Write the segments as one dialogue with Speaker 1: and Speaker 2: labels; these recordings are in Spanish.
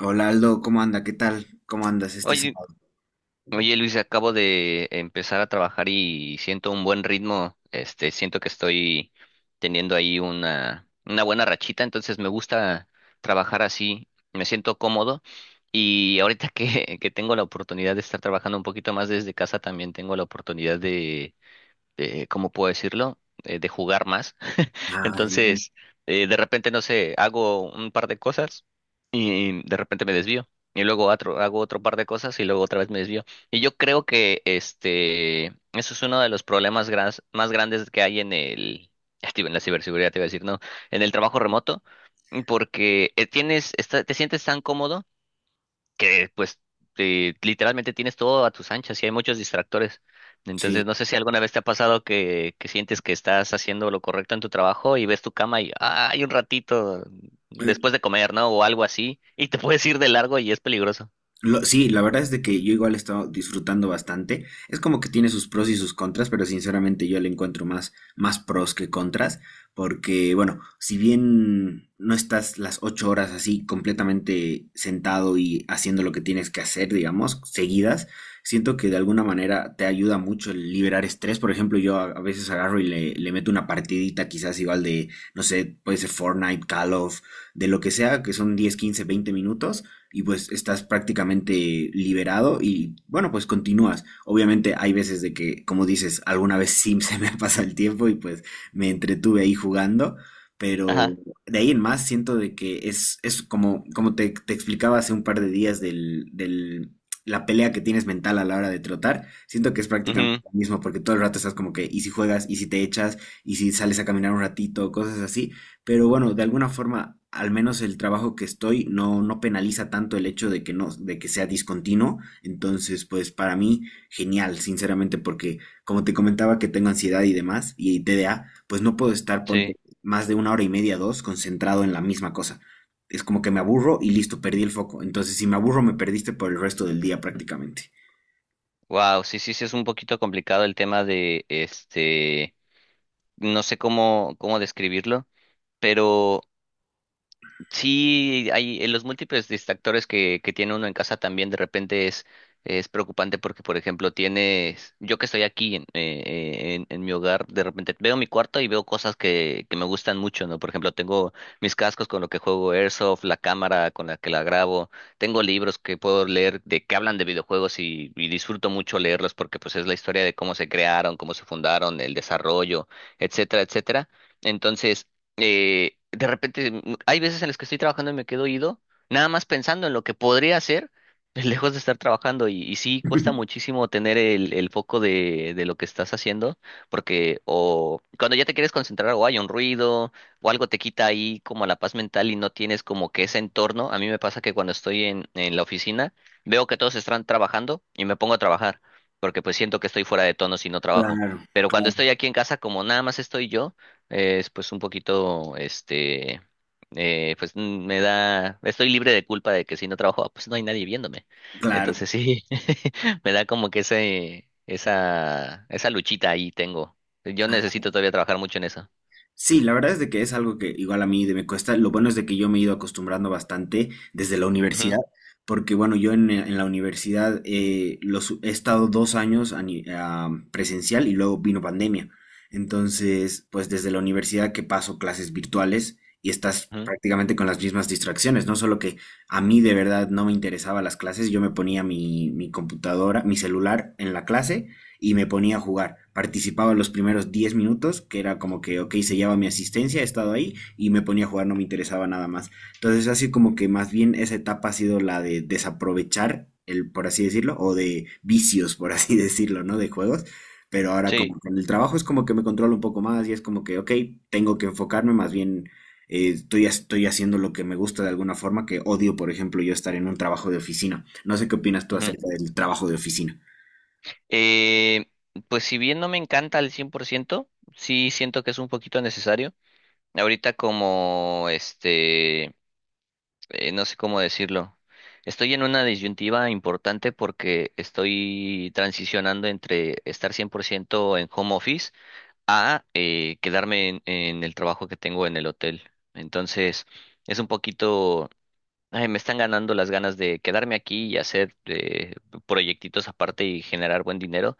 Speaker 1: Hola Aldo, ¿cómo anda? ¿Qué tal? ¿Cómo andas este
Speaker 2: Oye,
Speaker 1: sábado?
Speaker 2: oye Luis, acabo de empezar a trabajar y siento un buen ritmo. Siento que estoy teniendo ahí una buena rachita, entonces me gusta trabajar así, me siento cómodo. Y ahorita que, que tengo la oportunidad de estar trabajando un poquito más desde casa, también tengo la oportunidad ¿cómo puedo decirlo? De jugar más.
Speaker 1: Ah, genial.
Speaker 2: Entonces, de repente, no sé, hago un par de cosas y de repente me desvío. Y hago otro par de cosas y luego otra vez me desvío. Y yo creo que eso es uno de los problemas más grandes que hay en el, ya te iba- en la ciberseguridad, te iba a decir, no, en el trabajo remoto, porque tienes, te sientes tan cómodo que pues literalmente tienes todo a tus anchas y hay muchos distractores. Entonces,
Speaker 1: Sí.
Speaker 2: no sé si alguna vez te ha pasado que sientes que estás haciendo lo correcto en tu trabajo y ves tu cama y "Ah, hay un ratito después de comer, ¿no? O algo así", y te puedes ir de largo y es peligroso.
Speaker 1: Sí, la verdad es de que yo igual he estado disfrutando bastante. Es como que tiene sus pros y sus contras, pero sinceramente yo le encuentro más pros que contras, porque bueno, si bien no estás las 8 horas así completamente sentado y haciendo lo que tienes que hacer, digamos, seguidas, siento que de alguna manera te ayuda mucho el liberar estrés. Por ejemplo, yo a veces agarro y le meto una partidita quizás igual de, no sé, puede ser Fortnite, Call of, de lo que sea, que son 10 15 20 minutos y pues estás prácticamente liberado y bueno, pues continúas. Obviamente hay veces de que, como dices, alguna vez sí se me pasa el tiempo y pues me entretuve ahí jugando, pero
Speaker 2: Ajá.
Speaker 1: de ahí en más siento de que es como, te explicaba hace un par de días del la pelea que tienes mental a la hora de trotar, siento que es prácticamente
Speaker 2: Ujú,
Speaker 1: lo mismo porque todo el rato estás como que, y si juegas, y si te echas, y si sales a caminar un ratito, cosas así. Pero bueno, de alguna forma, al menos el trabajo que estoy no penaliza tanto el hecho de que no, de que sea discontinuo. Entonces, pues para mí, genial, sinceramente, porque como te comentaba que tengo ansiedad y demás, y TDA, pues no puedo estar, ponte,
Speaker 2: sí.
Speaker 1: más de 1 hora y media, dos, concentrado en la misma cosa. Es como que me aburro y listo, perdí el foco. Entonces, si me aburro, me perdiste por el resto del día prácticamente.
Speaker 2: Wow, sí, sí, sí, es un poquito complicado el tema de no sé cómo, cómo describirlo, pero sí, hay en los múltiples distractores que tiene uno en casa también de repente es preocupante porque, por ejemplo, tienes, yo que estoy aquí en mi hogar, de repente veo mi cuarto y veo cosas que me gustan mucho, ¿no? Por ejemplo, tengo mis cascos con lo que juego Airsoft, la cámara con la que la grabo, tengo libros que puedo leer de que hablan de videojuegos y disfruto mucho leerlos porque pues es la historia de cómo se crearon, cómo se fundaron, el desarrollo, etcétera, etcétera. Entonces, hay veces en las que estoy trabajando y me quedo ido, nada más pensando en lo que podría hacer, lejos de estar trabajando. Y sí, cuesta muchísimo tener el foco de lo que estás haciendo, porque o cuando ya te quieres concentrar o hay un ruido o algo te quita ahí como la paz mental y no tienes como que ese entorno. A mí me pasa que cuando estoy en la oficina, veo que todos están trabajando y me pongo a trabajar, porque pues siento que estoy fuera de tono si no trabajo.
Speaker 1: Claro,
Speaker 2: Pero cuando estoy aquí en casa, como nada más estoy yo, es pues un poquito, pues estoy libre de culpa de que si no trabajo, ah, pues no hay nadie viéndome.
Speaker 1: claro,
Speaker 2: Entonces sí, me da como que esa luchita ahí tengo. Yo
Speaker 1: claro.
Speaker 2: necesito todavía trabajar mucho en eso.
Speaker 1: Sí, la verdad es de que es algo que igual a mí me cuesta. Lo bueno es de que yo me he ido acostumbrando bastante desde la
Speaker 2: Ujú,
Speaker 1: universidad, porque bueno, yo en la universidad los, he estado 2 años a ni- a presencial y luego vino pandemia. Entonces, pues desde la universidad que paso clases virtuales y estás
Speaker 2: ujú,
Speaker 1: prácticamente con las mismas distracciones, no solo que a mí de verdad no me interesaban las clases, yo me ponía mi computadora, mi celular en la clase y me ponía a jugar. Participaba los primeros 10 minutos, que era como que, ok, se lleva mi asistencia, he estado ahí y me ponía a jugar, no me interesaba nada más. Entonces, así como que más bien esa etapa ha sido la de desaprovechar, el, por así decirlo, o de vicios, por así decirlo, ¿no? De juegos. Pero ahora
Speaker 2: sí.
Speaker 1: como con el trabajo es como que me controlo un poco más y es como que, ok, tengo que enfocarme más bien. Estoy, estoy haciendo lo que me gusta de alguna forma que odio, por ejemplo, yo estar en un trabajo de oficina. No sé qué opinas tú
Speaker 2: Ujú.
Speaker 1: acerca del trabajo de oficina.
Speaker 2: Eh, pues si bien no me encanta al cien por ciento, sí siento que es un poquito necesario. Ahorita como este... no sé cómo decirlo. Estoy en una disyuntiva importante porque estoy transicionando entre estar 100% en home office a quedarme en el trabajo que tengo en el hotel. Entonces, es un poquito, ay, me están ganando las ganas de quedarme aquí y hacer proyectitos aparte y generar buen dinero,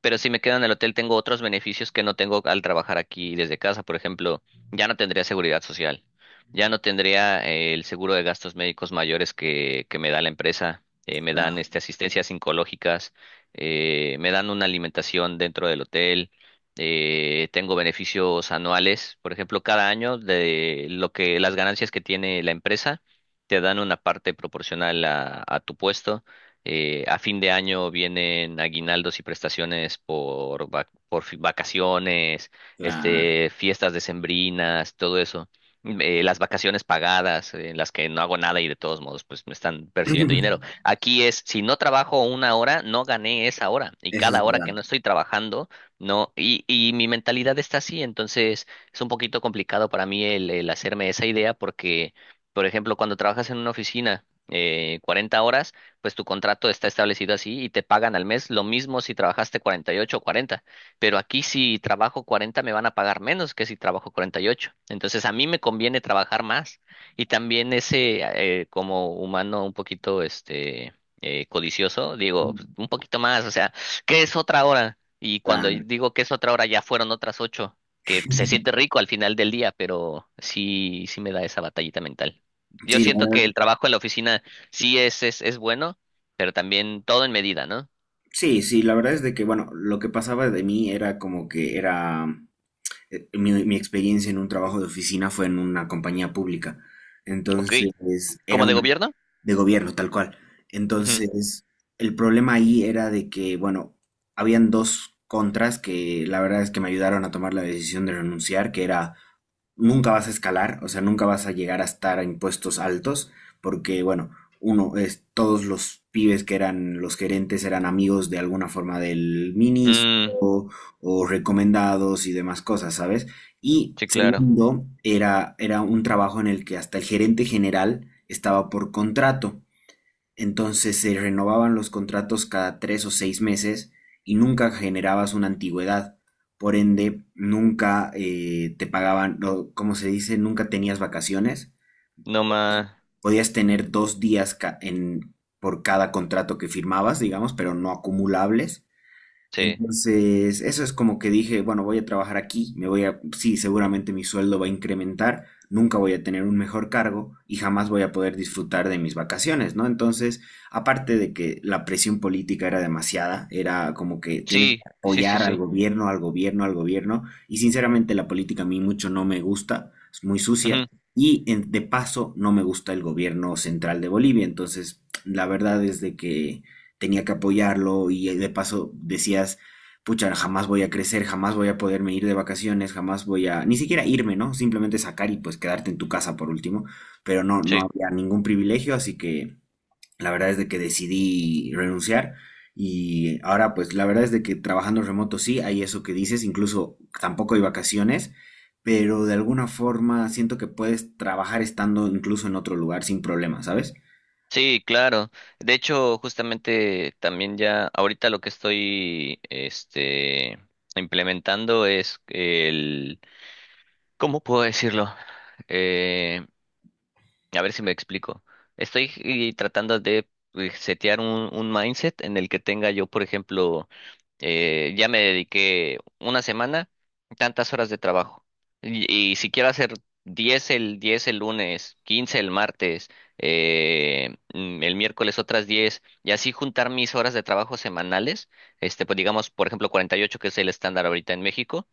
Speaker 2: pero si me quedo en el hotel, tengo otros beneficios que no tengo al trabajar aquí desde casa. Por ejemplo, ya no tendría seguridad social, ya no tendría el seguro de gastos médicos mayores que me da la empresa, me dan asistencias psicológicas, me dan una alimentación dentro del hotel, tengo beneficios anuales. Por ejemplo, cada año de lo que las ganancias que tiene la empresa, te dan una parte proporcional a tu puesto. A fin de año vienen aguinaldos y prestaciones por, vac- por fi- vacaciones,
Speaker 1: Claro.
Speaker 2: fiestas decembrinas, todo eso. Las vacaciones pagadas, en las que no hago nada y de todos modos, pues me están percibiendo dinero. Aquí es, si no trabajo una hora, no gané esa hora. Y
Speaker 1: Eso es
Speaker 2: cada hora que
Speaker 1: verdad.
Speaker 2: no estoy trabajando, no. Y mi mentalidad está así, entonces es un poquito complicado para mí el hacerme esa idea porque, por ejemplo, cuando trabajas en una oficina, 40 horas, pues tu contrato está establecido así y te pagan al mes lo mismo si trabajaste 48 o 40. Pero aquí si trabajo 40 me van a pagar menos que si trabajo 48. Entonces a mí me conviene trabajar más. Y también como humano un poquito, codicioso, digo, pues, un poquito más, o sea, ¿qué es otra hora? Y cuando
Speaker 1: Claro.
Speaker 2: digo que es otra hora, ya fueron otras ocho, que se siente rico al final del día, pero sí, sí me da esa batallita mental. Yo
Speaker 1: Sí, la
Speaker 2: siento
Speaker 1: verdad,
Speaker 2: que el trabajo en la oficina sí, es bueno, pero también todo en medida, ¿no?
Speaker 1: sí, sí, la verdad es de que, bueno, lo que pasaba de mí era como que era mi experiencia en un trabajo de oficina fue en una compañía pública.
Speaker 2: Ok.
Speaker 1: Entonces, era
Speaker 2: ¿Como de
Speaker 1: una
Speaker 2: gobierno?
Speaker 1: de gobierno, tal cual.
Speaker 2: Ujú.
Speaker 1: Entonces, el problema ahí era de que, bueno, habían dos contras que la verdad es que me ayudaron a tomar la decisión de renunciar, que era nunca vas a escalar, o sea, nunca vas a llegar a estar a impuestos altos, porque, bueno, uno es todos los pibes que eran los gerentes eran amigos de alguna forma del ministro,
Speaker 2: Mm,
Speaker 1: o recomendados y demás cosas, ¿sabes? Y
Speaker 2: sí, claro.
Speaker 1: segundo, era un trabajo en el que hasta el gerente general estaba por contrato. Entonces se renovaban los contratos cada 3 o 6 meses y nunca generabas una antigüedad. Por ende, nunca te pagaban, no, como se dice, nunca tenías vacaciones.
Speaker 2: No más.
Speaker 1: Podías tener 2 días por cada contrato que firmabas, digamos, pero no acumulables.
Speaker 2: Sí.
Speaker 1: Entonces, eso es como que dije, bueno, voy a trabajar aquí, me voy a, sí, seguramente mi sueldo va a incrementar, nunca voy a tener un mejor cargo y jamás voy a poder disfrutar de mis vacaciones, ¿no? Entonces, aparte de que la presión política era demasiada, era como que tienes
Speaker 2: Sí,
Speaker 1: que
Speaker 2: sí, sí,
Speaker 1: apoyar al
Speaker 2: sí.
Speaker 1: gobierno, al gobierno, al gobierno, y sinceramente la política a mí mucho no me gusta, es muy sucia,
Speaker 2: Ujú,
Speaker 1: y de paso no me gusta el gobierno central de Bolivia, entonces, la verdad es de que tenía que apoyarlo y de paso decías, pucha, jamás voy a crecer, jamás voy a poderme ir de vacaciones, jamás voy a, ni siquiera irme, ¿no? Simplemente sacar y pues quedarte en tu casa por último, pero no
Speaker 2: sí.
Speaker 1: había ningún privilegio, así que la verdad es de que decidí renunciar y ahora pues la verdad es de que trabajando remoto sí, hay eso que dices, incluso tampoco hay vacaciones. Pero de alguna forma siento que puedes trabajar estando incluso en otro lugar sin problema, ¿sabes?
Speaker 2: Sí, claro. De hecho, justamente también ya ahorita lo que estoy implementando es el ¿cómo puedo decirlo? Eh, a ver si me explico. Estoy tratando de setear un mindset en el que tenga yo, por ejemplo, ya me dediqué una semana, tantas horas de trabajo. Y si quiero hacer 10 el lunes, 15 el martes, el miércoles otras 10 y así juntar mis horas de trabajo semanales, pues digamos, por ejemplo, 48 que es el estándar ahorita en México,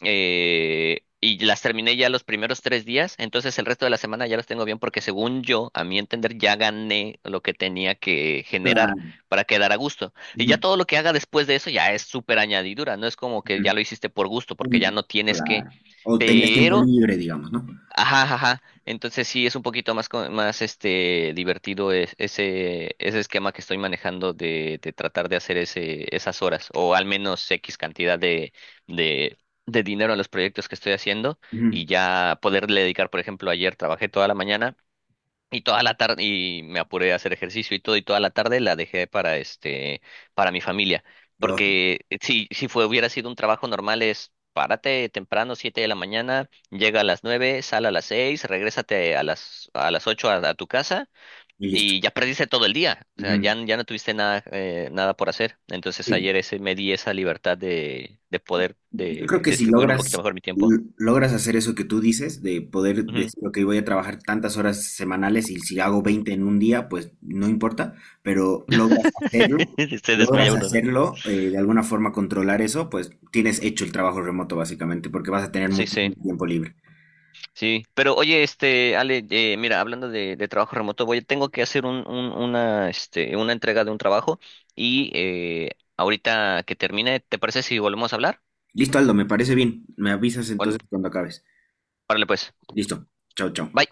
Speaker 2: y las terminé ya los primeros tres días, entonces el resto de la semana ya los tengo bien porque según yo, a mi entender, ya gané lo que tenía que generar
Speaker 1: Claro.
Speaker 2: para quedar a gusto. Y
Speaker 1: Ujú,
Speaker 2: ya todo lo que haga después de eso ya es súper añadidura, no es como que ya
Speaker 1: ujú.
Speaker 2: lo hiciste por gusto porque ya
Speaker 1: Mm,
Speaker 2: no tienes que,
Speaker 1: claro. O tenías tiempo
Speaker 2: pero
Speaker 1: libre, digamos, ¿no?
Speaker 2: ajá, ajá. Entonces sí es un poquito más más divertido ese ese esquema que estoy manejando de tratar de hacer ese esas horas o al menos X cantidad de de dinero a los proyectos que estoy haciendo
Speaker 1: Ujú.
Speaker 2: y ya poderle dedicar, por ejemplo, ayer trabajé toda la mañana y toda la tarde, y me apuré a hacer ejercicio y todo, y toda la tarde la dejé para para mi familia.
Speaker 1: Lógico.
Speaker 2: Porque si fue, hubiera sido un trabajo normal, es párate temprano, 7 de la mañana, llega a las 9, sal a las 6, regrésate a a las 8 a tu casa,
Speaker 1: Y listo.
Speaker 2: y ya perdiste todo el día. O sea,
Speaker 1: Ujú.
Speaker 2: ya no tuviste nada, nada por hacer. Entonces
Speaker 1: Sí.
Speaker 2: ayer me di esa libertad de poder
Speaker 1: Yo creo
Speaker 2: de
Speaker 1: que si
Speaker 2: distribuir un poquito
Speaker 1: logras,
Speaker 2: mejor mi tiempo.
Speaker 1: logras hacer eso que tú dices, de poder
Speaker 2: Ujú.
Speaker 1: decir, ok, voy a trabajar tantas horas semanales y si hago 20 en un día, pues no importa, pero
Speaker 2: Se desmaya
Speaker 1: logras
Speaker 2: uno, ¿no?
Speaker 1: hacerlo, de alguna forma controlar eso, pues tienes hecho el trabajo remoto básicamente, porque vas a tener
Speaker 2: Sí, sí.
Speaker 1: muchísimo tiempo libre.
Speaker 2: Sí, pero oye, Ale, mira, hablando de trabajo remoto, voy, tengo que hacer una, una entrega de un trabajo y ahorita que termine, ¿te parece si volvemos a hablar?
Speaker 1: Listo, Aldo, me parece bien. Me avisas
Speaker 2: Bueno,
Speaker 1: entonces cuando acabes.
Speaker 2: párale pues.
Speaker 1: Listo. Chao, chao.
Speaker 2: Bye.